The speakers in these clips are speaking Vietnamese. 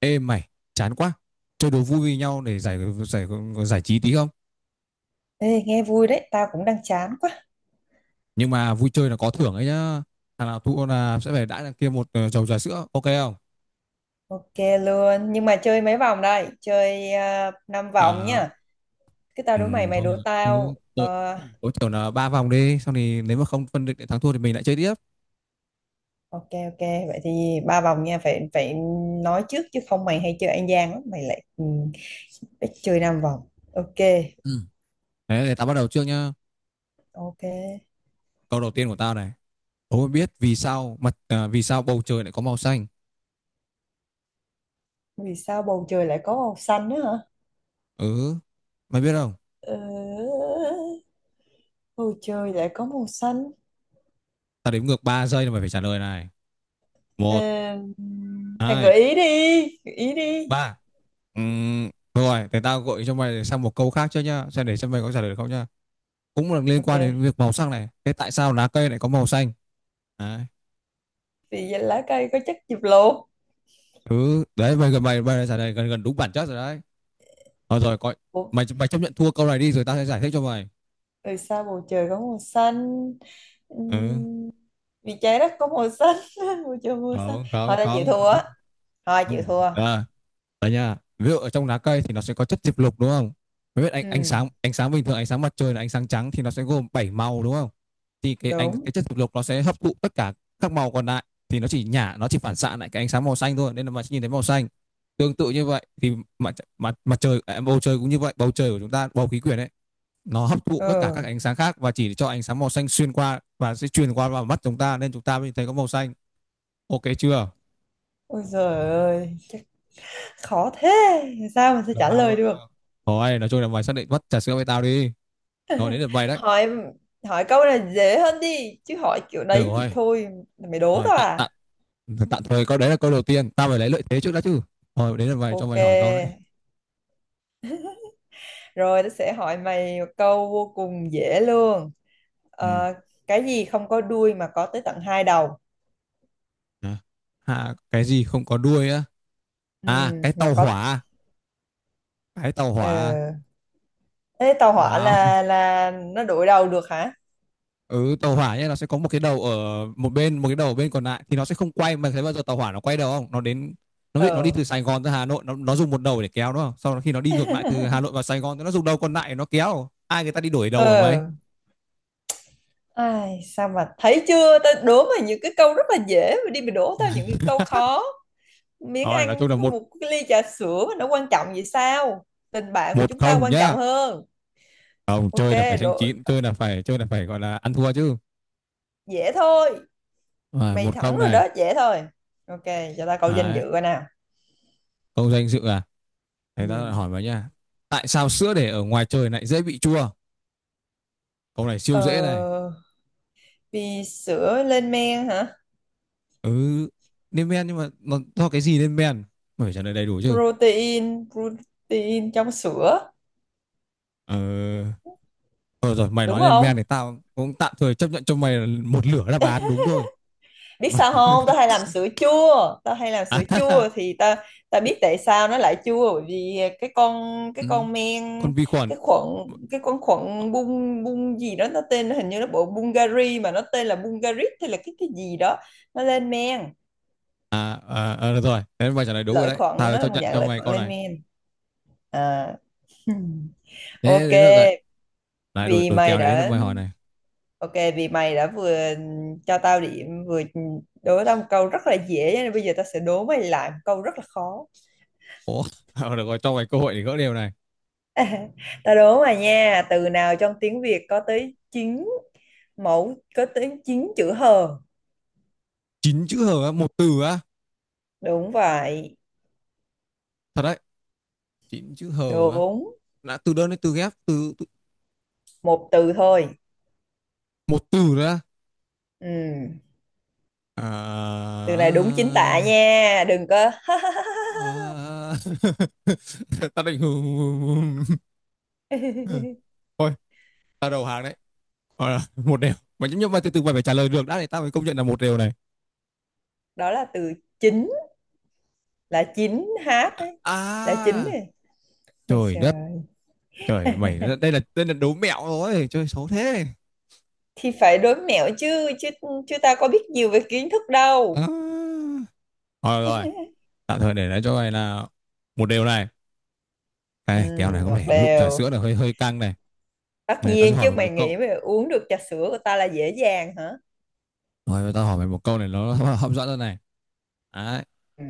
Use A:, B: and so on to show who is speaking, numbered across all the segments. A: Ê mày, chán quá. Chơi đố vui với nhau để giải giải giải trí tí không?
B: Ê, nghe vui đấy, tao cũng đang chán quá.
A: Nhưng mà vui chơi là có thưởng ấy nhá. Thằng nào thua là sẽ phải đãi thằng kia một chầu trà sữa, ok không?
B: Ok luôn, nhưng mà chơi mấy vòng đây? Chơi 5 vòng
A: À,
B: nhá. Cứ tao đố mày, mày
A: thôi được
B: đố
A: rồi. Ừ,
B: tao.
A: tối
B: Ờ,
A: tối thiểu là 3 vòng đi, xong thì nếu mà không phân định để thắng thua thì mình lại chơi tiếp.
B: ok ok, vậy thì 3 vòng nha, phải phải nói trước chứ không mày hay chơi ăn gian lắm, ít chơi 5 vòng. Ok,
A: Ừ. Đấy, để tao bắt đầu trước nhá.
B: ok.
A: Câu đầu tiên của tao này. Đố mày biết vì sao vì sao bầu trời lại có màu xanh?
B: Vì sao bầu trời lại có màu xanh nữa hả?
A: Ừ, mày biết không?
B: Ờ, bầu trời lại có màu xanh.
A: Tao đếm ngược 3 giây là mày phải trả lời này.
B: Ờ,
A: Một,
B: mày gợi
A: hai,
B: ý đi, gợi ý đi.
A: ba. Rồi, để tao gợi cho mày sang một câu khác chứ nhá, xem để xem mày có trả lời được không nhá. Cũng là liên
B: Ok,
A: quan đến việc màu sắc này. Thế tại sao lá cây lại có màu xanh? Đấy.
B: vì lá cây có chất diệp lục.
A: Ừ, đấy mày đã trả lời gần gần đúng bản chất rồi đấy. Thôi rồi, coi
B: Ủa,
A: mày mày chấp nhận thua câu này đi rồi tao sẽ giải thích cho mày.
B: từ sao bầu trời có màu xanh.
A: Ừ,
B: Ừm, Vì trái đất có màu xanh bầu trời màu xanh,
A: không,
B: thôi
A: không,
B: đã chịu
A: không,
B: thua á,
A: không,
B: thôi
A: không
B: chịu
A: được.
B: thua.
A: À. Đấy nha. Ví dụ ở trong lá cây thì nó sẽ có chất diệp lục đúng không? Mới biết ánh
B: Ừ,
A: ánh sáng bình thường ánh sáng mặt trời là ánh sáng trắng thì nó sẽ gồm 7 màu đúng không? Thì
B: đúng.
A: cái chất diệp lục nó sẽ hấp thụ tất cả các màu còn lại thì nó chỉ phản xạ lại cái ánh sáng màu xanh thôi nên là mà nhìn thấy màu xanh. Tương tự như vậy thì mặt mặt mặt trời à, bầu trời cũng như vậy, bầu trời của chúng ta bầu khí quyển ấy nó hấp thụ tất cả các
B: Ừ.
A: ánh sáng khác và chỉ cho ánh sáng màu xanh xuyên qua và sẽ truyền qua vào mắt chúng ta nên chúng ta mới thấy có màu xanh. Ok chưa?
B: Ôi giời ơi, chắc khó thế sao mà sẽ
A: Đầu
B: trả
A: hàng
B: lời
A: rồi.
B: được.
A: Thôi, nói chung là mày xác định mất trà sữa với tao đi. Rồi đến lượt mày đấy.
B: Hỏi hỏi câu này dễ hơn đi chứ, hỏi kiểu
A: Được
B: đấy thì
A: rồi.
B: thôi. Mày đố
A: Rồi
B: tao
A: tạm
B: à?
A: tạm tạm thời câu đấy là câu đầu tiên. Tao phải lấy lợi thế trước đã chứ. Rồi đến lượt mày cho mày hỏi câu đấy.
B: Ok, rồi tao sẽ hỏi mày một câu vô cùng dễ luôn.
A: Ừ.
B: Ờ, cái gì không có đuôi mà có tới tận hai đầu?
A: À, à, cái gì không có đuôi á?
B: Ừ,
A: À cái
B: mà
A: tàu
B: có.
A: hỏa. Cái tàu hỏa.
B: Ờ, thế tàu hỏa
A: Nào.
B: là nó đổi đầu được hả?
A: Ừ tàu hỏa nhé, nó sẽ có một cái đầu ở một bên, một cái đầu ở bên còn lại thì nó sẽ không quay mà thấy bao giờ tàu hỏa nó quay đầu không? Nó đến nó bị nó đi
B: Ờ,
A: từ Sài Gòn ra Hà Nội nó dùng một đầu để kéo đúng không? Sau đó khi nó đi ngược lại từ Hà Nội vào Sài Gòn thì nó dùng đầu còn lại để nó kéo. Ai người ta đi đổi đầu hả mày?
B: ờ, ai sao mà thấy chưa, tao đố mà những cái câu rất là dễ mà đi mà đố tao những câu khó. Miếng
A: Rồi nói
B: ăn
A: chung là
B: có
A: một
B: một cái ly trà sữa mà nó quan trọng vậy sao? Tình bạn của
A: một
B: chúng ta
A: không
B: quan
A: nhá.
B: trọng hơn.
A: Không,
B: Ok,
A: chơi là phải xanh
B: đố
A: chín, chơi là phải gọi là ăn thua chứ.
B: dễ thôi,
A: Rồi,
B: mày
A: một
B: thẳng
A: không
B: rồi
A: này.
B: đó, dễ thôi. Ok, cho tao câu danh dự
A: Đấy,
B: coi nào.
A: câu danh dự à. Thế ta
B: Ừ.
A: lại hỏi vào nha. Tại sao sữa để ở ngoài trời lại dễ bị chua? Câu này
B: Ờ,
A: siêu dễ này.
B: vì sữa lên men hả?
A: Ừ, lên men nhưng mà nó do cái gì lên men? Mày phải trả lời đầy đủ chứ.
B: Protein protein trong sữa.
A: Ờ, thôi rồi, mày
B: Đúng
A: nói lên men
B: không?
A: thì tao cũng tạm thời chấp nhận cho mày là một lửa đáp án đúng thôi.
B: Biết sao không, tao hay làm sữa
A: À,
B: chua thì tao tao biết tại sao nó lại chua, bởi vì cái con cái
A: ừ,
B: con men,
A: con vi khuẩn.
B: cái khuẩn cái con khuẩn bung bung gì đó, nó tên hình như nó bộ Bulgari mà nó tên là Bulgarit, hay là cái gì đó, nó lên men.
A: À, à, à, được rồi, thế mày trả lời đúng rồi
B: Lợi
A: đấy.
B: khuẩn,
A: Tao
B: nó là
A: chấp
B: một
A: nhận
B: dạng
A: cho
B: lợi
A: mày
B: khuẩn
A: câu
B: lên
A: này.
B: men à.
A: Thế
B: ok
A: đến lượt rồi. Này, đổi,
B: vì
A: đổi
B: mày
A: kèo này, đến lượt
B: đã
A: bài hỏi này.
B: Ok, vì mày đã vừa cho tao điểm, vừa đố tao một câu rất là dễ, cho nên bây giờ tao sẽ đố mày lại một câu rất là khó.
A: Ủa, được rồi, cho mày cơ hội để gỡ đều này.
B: Tao đố mày nha, từ nào trong tiếng Việt có tới 9 chữ hờ.
A: Chín chữ hờ á, một từ á.
B: Đúng vậy,
A: Thật đấy, chín chữ hờ á.
B: đúng,
A: Đã từ đơn đến từ ghép, từ, từ
B: một từ thôi.
A: một từ ra.
B: Ừ.
A: À,
B: Từ này đúng chính tả nha, đừng có.
A: à, tao định thôi ta đầu hàng đấy. Ờ, một đều mà nhấp nhấp mày, từ từ mày phải trả lời được đã thì tao mới công nhận là một đều này.
B: Đó là từ chính, là chính hát đấy, là chính
A: À,
B: này. Ôi
A: trời đất,
B: trời.
A: trời mày đây là đố mẹo rồi, chơi xấu thế
B: Thì phải đố mẹo chứ chứ chứ ta có biết nhiều về kiến thức đâu.
A: à. Rồi rồi tạm thời để lại cho mày là một điều này,
B: Ừ,
A: này kèo này có
B: ngọt
A: vẻ lụm trà
B: đều.
A: sữa là hơi hơi căng này.
B: Tất
A: Ta sẽ
B: nhiên
A: hỏi
B: chứ,
A: mày
B: mày
A: một câu,
B: nghĩ mày uống được trà sữa của ta là dễ dàng hả?
A: rồi ta hỏi mày một câu này nó hấp dẫn hơn này. Đấy.
B: Ừ.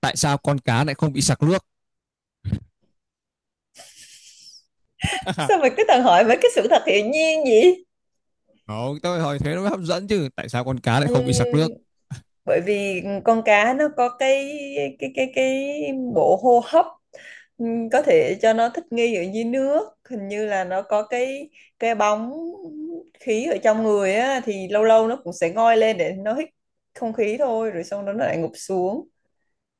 A: Tại sao con cá lại không bị sặc nước?
B: Sao mày cứ toàn hỏi mấy cái sự thật hiển nhiên vậy?
A: Không, tôi hỏi thế nó mới hấp dẫn chứ, tại sao con cá lại
B: Ừ,
A: không bị sặc nước?
B: bởi vì con cá nó có cái bộ hô hấp, có thể cho nó thích nghi ở dưới nước. Hình như là nó có cái bóng khí ở trong người á, thì lâu lâu nó cũng sẽ ngoi lên để nó hít không khí thôi, rồi xong đó nó lại ngụp xuống.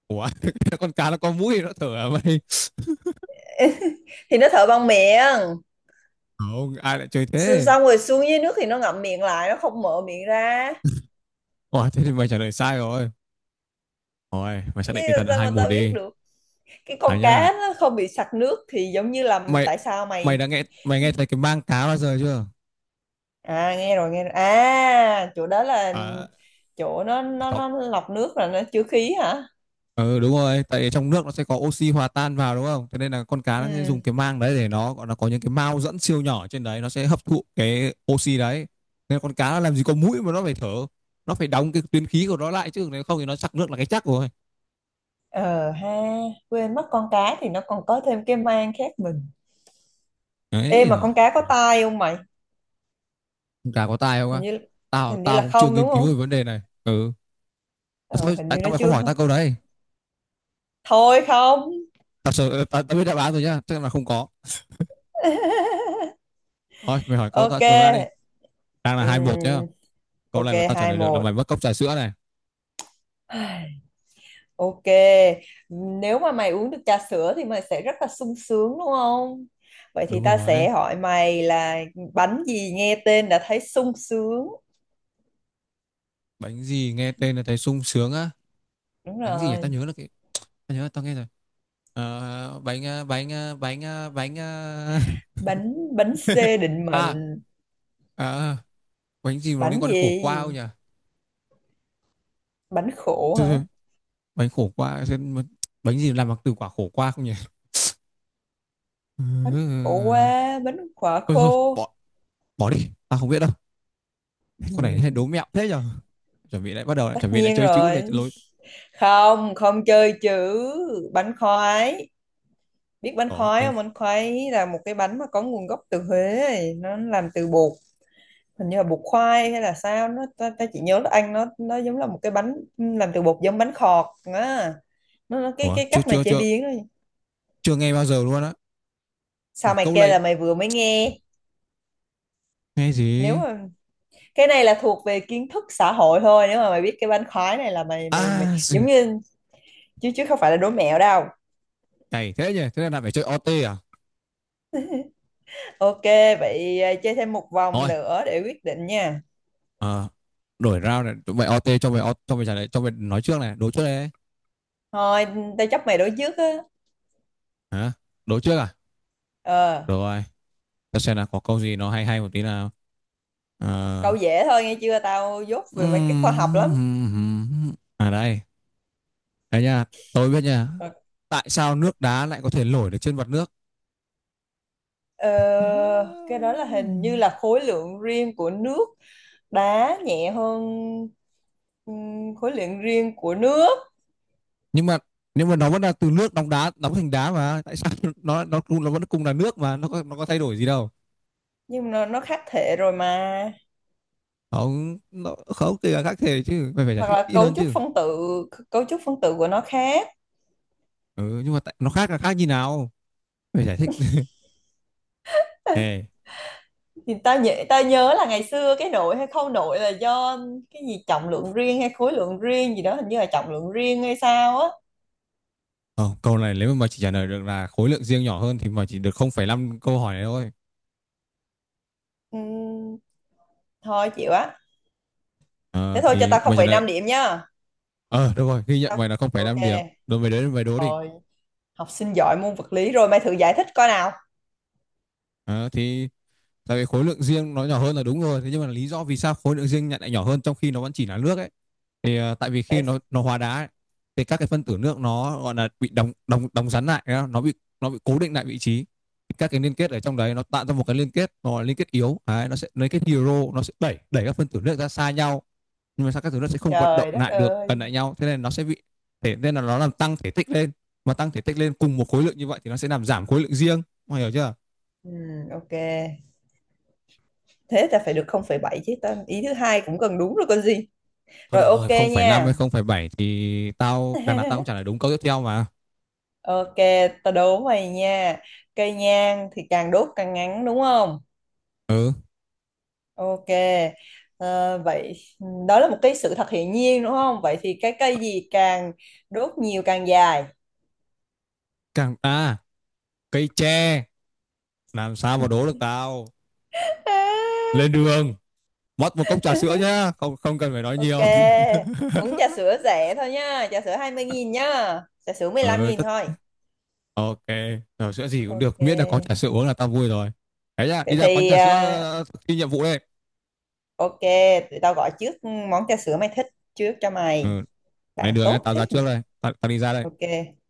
A: Ủa, con cá nó có mũi nó thở à mày?
B: Thì nó thở bằng miệng.
A: Không ai lại chơi
B: Xong
A: thế.
B: xong rồi xuống dưới nước thì nó ngậm miệng lại, nó không mở miệng ra.
A: Ủa thế thì mày trả lời sai rồi, rồi mày xác
B: Chứ
A: định tinh
B: làm
A: thần là
B: sao
A: hai
B: mà
A: một
B: tao biết
A: đi.
B: được, cái
A: À
B: con
A: nhá,
B: cá nó không bị sặc nước thì giống như là
A: mày
B: tại sao
A: mày
B: mày.
A: đã nghe, mày nghe thấy cái mang cá bao giờ chưa?
B: À, nghe rồi nghe rồi, à chỗ đó là
A: À,
B: chỗ nó lọc nước, là nó chứa khí hả?
A: ừ đúng rồi, tại trong nước nó sẽ có oxy hòa tan vào đúng không? Thế nên là con cá nó sẽ dùng
B: Ừ.
A: cái mang đấy để nó gọi là có những cái mao dẫn siêu nhỏ trên đấy nó sẽ hấp thụ cái oxy đấy. Nên con cá nó làm gì có mũi mà nó phải thở, nó phải đóng cái tuyến khí của nó lại chứ nếu không thì nó trặc nước là cái chắc rồi.
B: Ờ ha, quên mất con cá thì nó còn có thêm cái mang khác mình. Ê,
A: Đấy
B: mà
A: rồi,
B: con cá có tai không mày?
A: con cá có tai không
B: hình
A: á?
B: như
A: Tao
B: hình như
A: tao
B: là
A: cũng chưa
B: không,
A: nghiên
B: đúng
A: cứu về
B: không?
A: vấn đề này. Ừ. À,
B: Ờ,
A: thôi,
B: hình
A: tại
B: như
A: sao
B: nó
A: mày không
B: chưa.
A: hỏi tao câu đấy?
B: Thôi không.
A: Tao sợ tao, biết đáp án rồi nhá, chắc là không có. Thôi, mày hỏi câu tao
B: Ok.
A: câu ra đi. Đang là 2-1 nhá.
B: Ừm,
A: Câu
B: ok,
A: này mà tao trả
B: hai
A: lời được là mày
B: một
A: mất cốc trà sữa này.
B: Ok, nếu mà mày uống được trà sữa thì mày sẽ rất là sung sướng đúng không? Vậy thì
A: Đúng
B: ta
A: rồi.
B: sẽ hỏi mày là bánh gì nghe tên đã thấy sung sướng.
A: Bánh gì nghe tên là thấy sung sướng á?
B: Đúng
A: Bánh gì nhỉ, tao
B: rồi,
A: nhớ là cái, tao nhớ là tao nghe rồi. Ờ, bánh
B: bánh bánh C định
A: à,
B: mệnh.
A: à, bánh gì mà nó liên
B: Bánh
A: quan đến khổ qua không
B: gì?
A: nhỉ?
B: Bánh khổ
A: Thôi,
B: hả?
A: thôi, bánh khổ qua xem mà- bánh gì làm bằng từ quả khổ qua không nhỉ? Ừ, ừ,
B: Bánh khổ
A: ừ, ừ.
B: quá, bánh quả
A: Thôi thôi
B: khô.
A: bỏ, bỏ đi tao không biết đâu. Con này hay
B: Ừm,
A: đố mẹo thế nhở, chuẩn bị lại bắt đầu lại
B: Tất
A: chuẩn bị lại
B: nhiên
A: chơi chữ để
B: rồi.
A: lối.
B: Không, không chơi chữ. Bánh khoái. Biết bánh
A: Đó
B: khoái
A: bánh.
B: không? Bánh khoái là một cái bánh mà có nguồn gốc từ Huế. Nó làm từ bột, hình như là bột khoai hay là sao nó, ta chỉ nhớ nó ăn, nó giống là một cái bánh làm từ bột, giống bánh khọt á. Nó cái
A: Ủa,
B: cái
A: chưa
B: cách mà
A: chưa
B: chế
A: chưa
B: biến đó.
A: chưa nghe bao giờ luôn á.
B: Sao mày
A: Câu
B: kêu
A: này
B: là mày vừa mới nghe.
A: nghe
B: Nếu
A: gì?
B: mà cái này là thuộc về kiến thức xã hội thôi, nếu mà mày biết cái bánh khoái này là mày mày mày
A: À
B: giống
A: gì?
B: như, chứ chứ không phải là đố mẹo đâu.
A: Cày thế nhỉ, thế là lại phải chơi OT à?
B: Ok, vậy à, chơi thêm một vòng
A: Thôi,
B: nữa để quyết định nha.
A: ờ, đổi round này, tụi mày OT cho mày, cho mày trả lời, cho mày nói trước này, đố trước đây.
B: Thôi, tao chấp mày đố trước á.
A: Hả? Đố trước à?
B: Ờ,
A: Được rồi, ta xem là có câu gì nó hay hay một tí nào.
B: câu
A: Ờ,
B: dễ thôi nghe chưa, tao dốt về mấy cái khoa học lắm.
A: à đây, đây nha, tôi biết nha.
B: Ok.
A: Tại sao nước đá lại có thể nổi được trên mặt nước?
B: Ờ, cái đó là hình như là khối lượng riêng của nước đá nhẹ hơn, khối lượng riêng của nước.
A: Nhưng mà nhưng mà nó vẫn là từ nước đóng đá, đóng thành đá mà tại sao nó cũng- nó vẫn cùng là nước mà nó có thay đổi gì đâu?
B: Nhưng mà nó khác thể rồi mà,
A: Không nó không thì là khác thể chứ mày phải giải
B: hoặc
A: thích
B: là
A: kỹ
B: cấu
A: hơn
B: trúc
A: chứ.
B: phân tử cấu trúc phân tử của nó khác.
A: Ừ, nhưng mà tại, nó khác là khác như nào, mày giải thích. Ê,
B: Thì ta nhớ là ngày xưa cái nội hay khâu nội là do cái gì trọng lượng riêng hay khối lượng riêng gì đó, hình như là trọng lượng riêng hay sao á.
A: ờ, câu này nếu mà mày chỉ trả lời được là khối lượng riêng nhỏ hơn thì mày chỉ được 0,5 câu hỏi này thôi.
B: Ừm, thôi chịu á,
A: Ờ,
B: thế thôi cho
A: thì
B: tao không
A: mày trả
B: phẩy
A: lời.
B: năm điểm nha.
A: Ờ được rồi, ghi nhận
B: Tao-
A: mày là
B: ok.
A: 0,5 điểm. Rồi mày đến mày đố đi.
B: Thôi, học sinh giỏi môn vật lý rồi, mày thử giải thích coi nào.
A: Ờ, thì tại vì khối lượng riêng nó nhỏ hơn là đúng rồi, thế nhưng mà lý do vì sao khối lượng riêng lại nhỏ hơn trong khi nó vẫn chỉ là nước ấy, thì ờ, tại vì khi nó hóa đá ấy, thì các cái phân tử nước nó gọi là bị đóng đóng đóng rắn lại, nó bị, nó bị cố định lại vị trí, các cái liên kết ở trong đấy nó tạo ra một cái liên kết, nó là liên kết yếu đấy, nó sẽ liên kết hydro, nó sẽ đẩy đẩy các phân tử nước ra xa nhau, nhưng mà sao các thứ nó sẽ không vận động
B: Trời đất
A: lại được gần
B: ơi.
A: lại nhau, thế nên nó sẽ bị, thể nên là nó làm tăng thể tích lên, mà tăng thể tích lên cùng một khối lượng như vậy thì nó sẽ làm giảm khối lượng riêng. Mọi người hiểu chưa?
B: Ừ, ok, thế ta phải được 0,7 chứ, ta ý thứ hai cũng cần đúng rồi còn gì.
A: Thôi
B: Rồi,
A: được
B: ok
A: rồi, không phẩy năm hay
B: nha.
A: không phẩy bảy thì tao đằng nào tao cũng trả lời đúng câu tiếp theo mà.
B: Ok, ta đố mày nha, cây nhang thì càng đốt càng ngắn đúng không?
A: Ừ,
B: Ok. Vậy đó là một cái sự thật hiển nhiên đúng không, vậy thì cái cây gì càng đốt nhiều càng dài?
A: càng à, cây tre, làm sao mà đố được tao. Lên đường, mất một cốc trà sữa nhá, không không cần phải nói
B: Ok,
A: nhiều.
B: uống trà sữa rẻ thôi nhá, trà sữa 20.000 nhá, trà sữa mười lăm
A: Ừ,
B: nghìn
A: tất
B: thôi.
A: ok, trà sữa gì cũng
B: Ok,
A: được, miễn là có trà sữa uống là tao vui rồi. Đấy nhá,
B: vậy
A: đi ra quán
B: thì
A: trà sữa, ờ, thực thi nhiệm vụ đây.
B: ok, tụi tao gọi trước món trà sữa mày thích trước cho mày.
A: Ừ,
B: Bạn
A: lên đường nhá,
B: tốt
A: tao ra
B: thế nhỉ?
A: trước đây, tao đi ra đây.
B: Ok,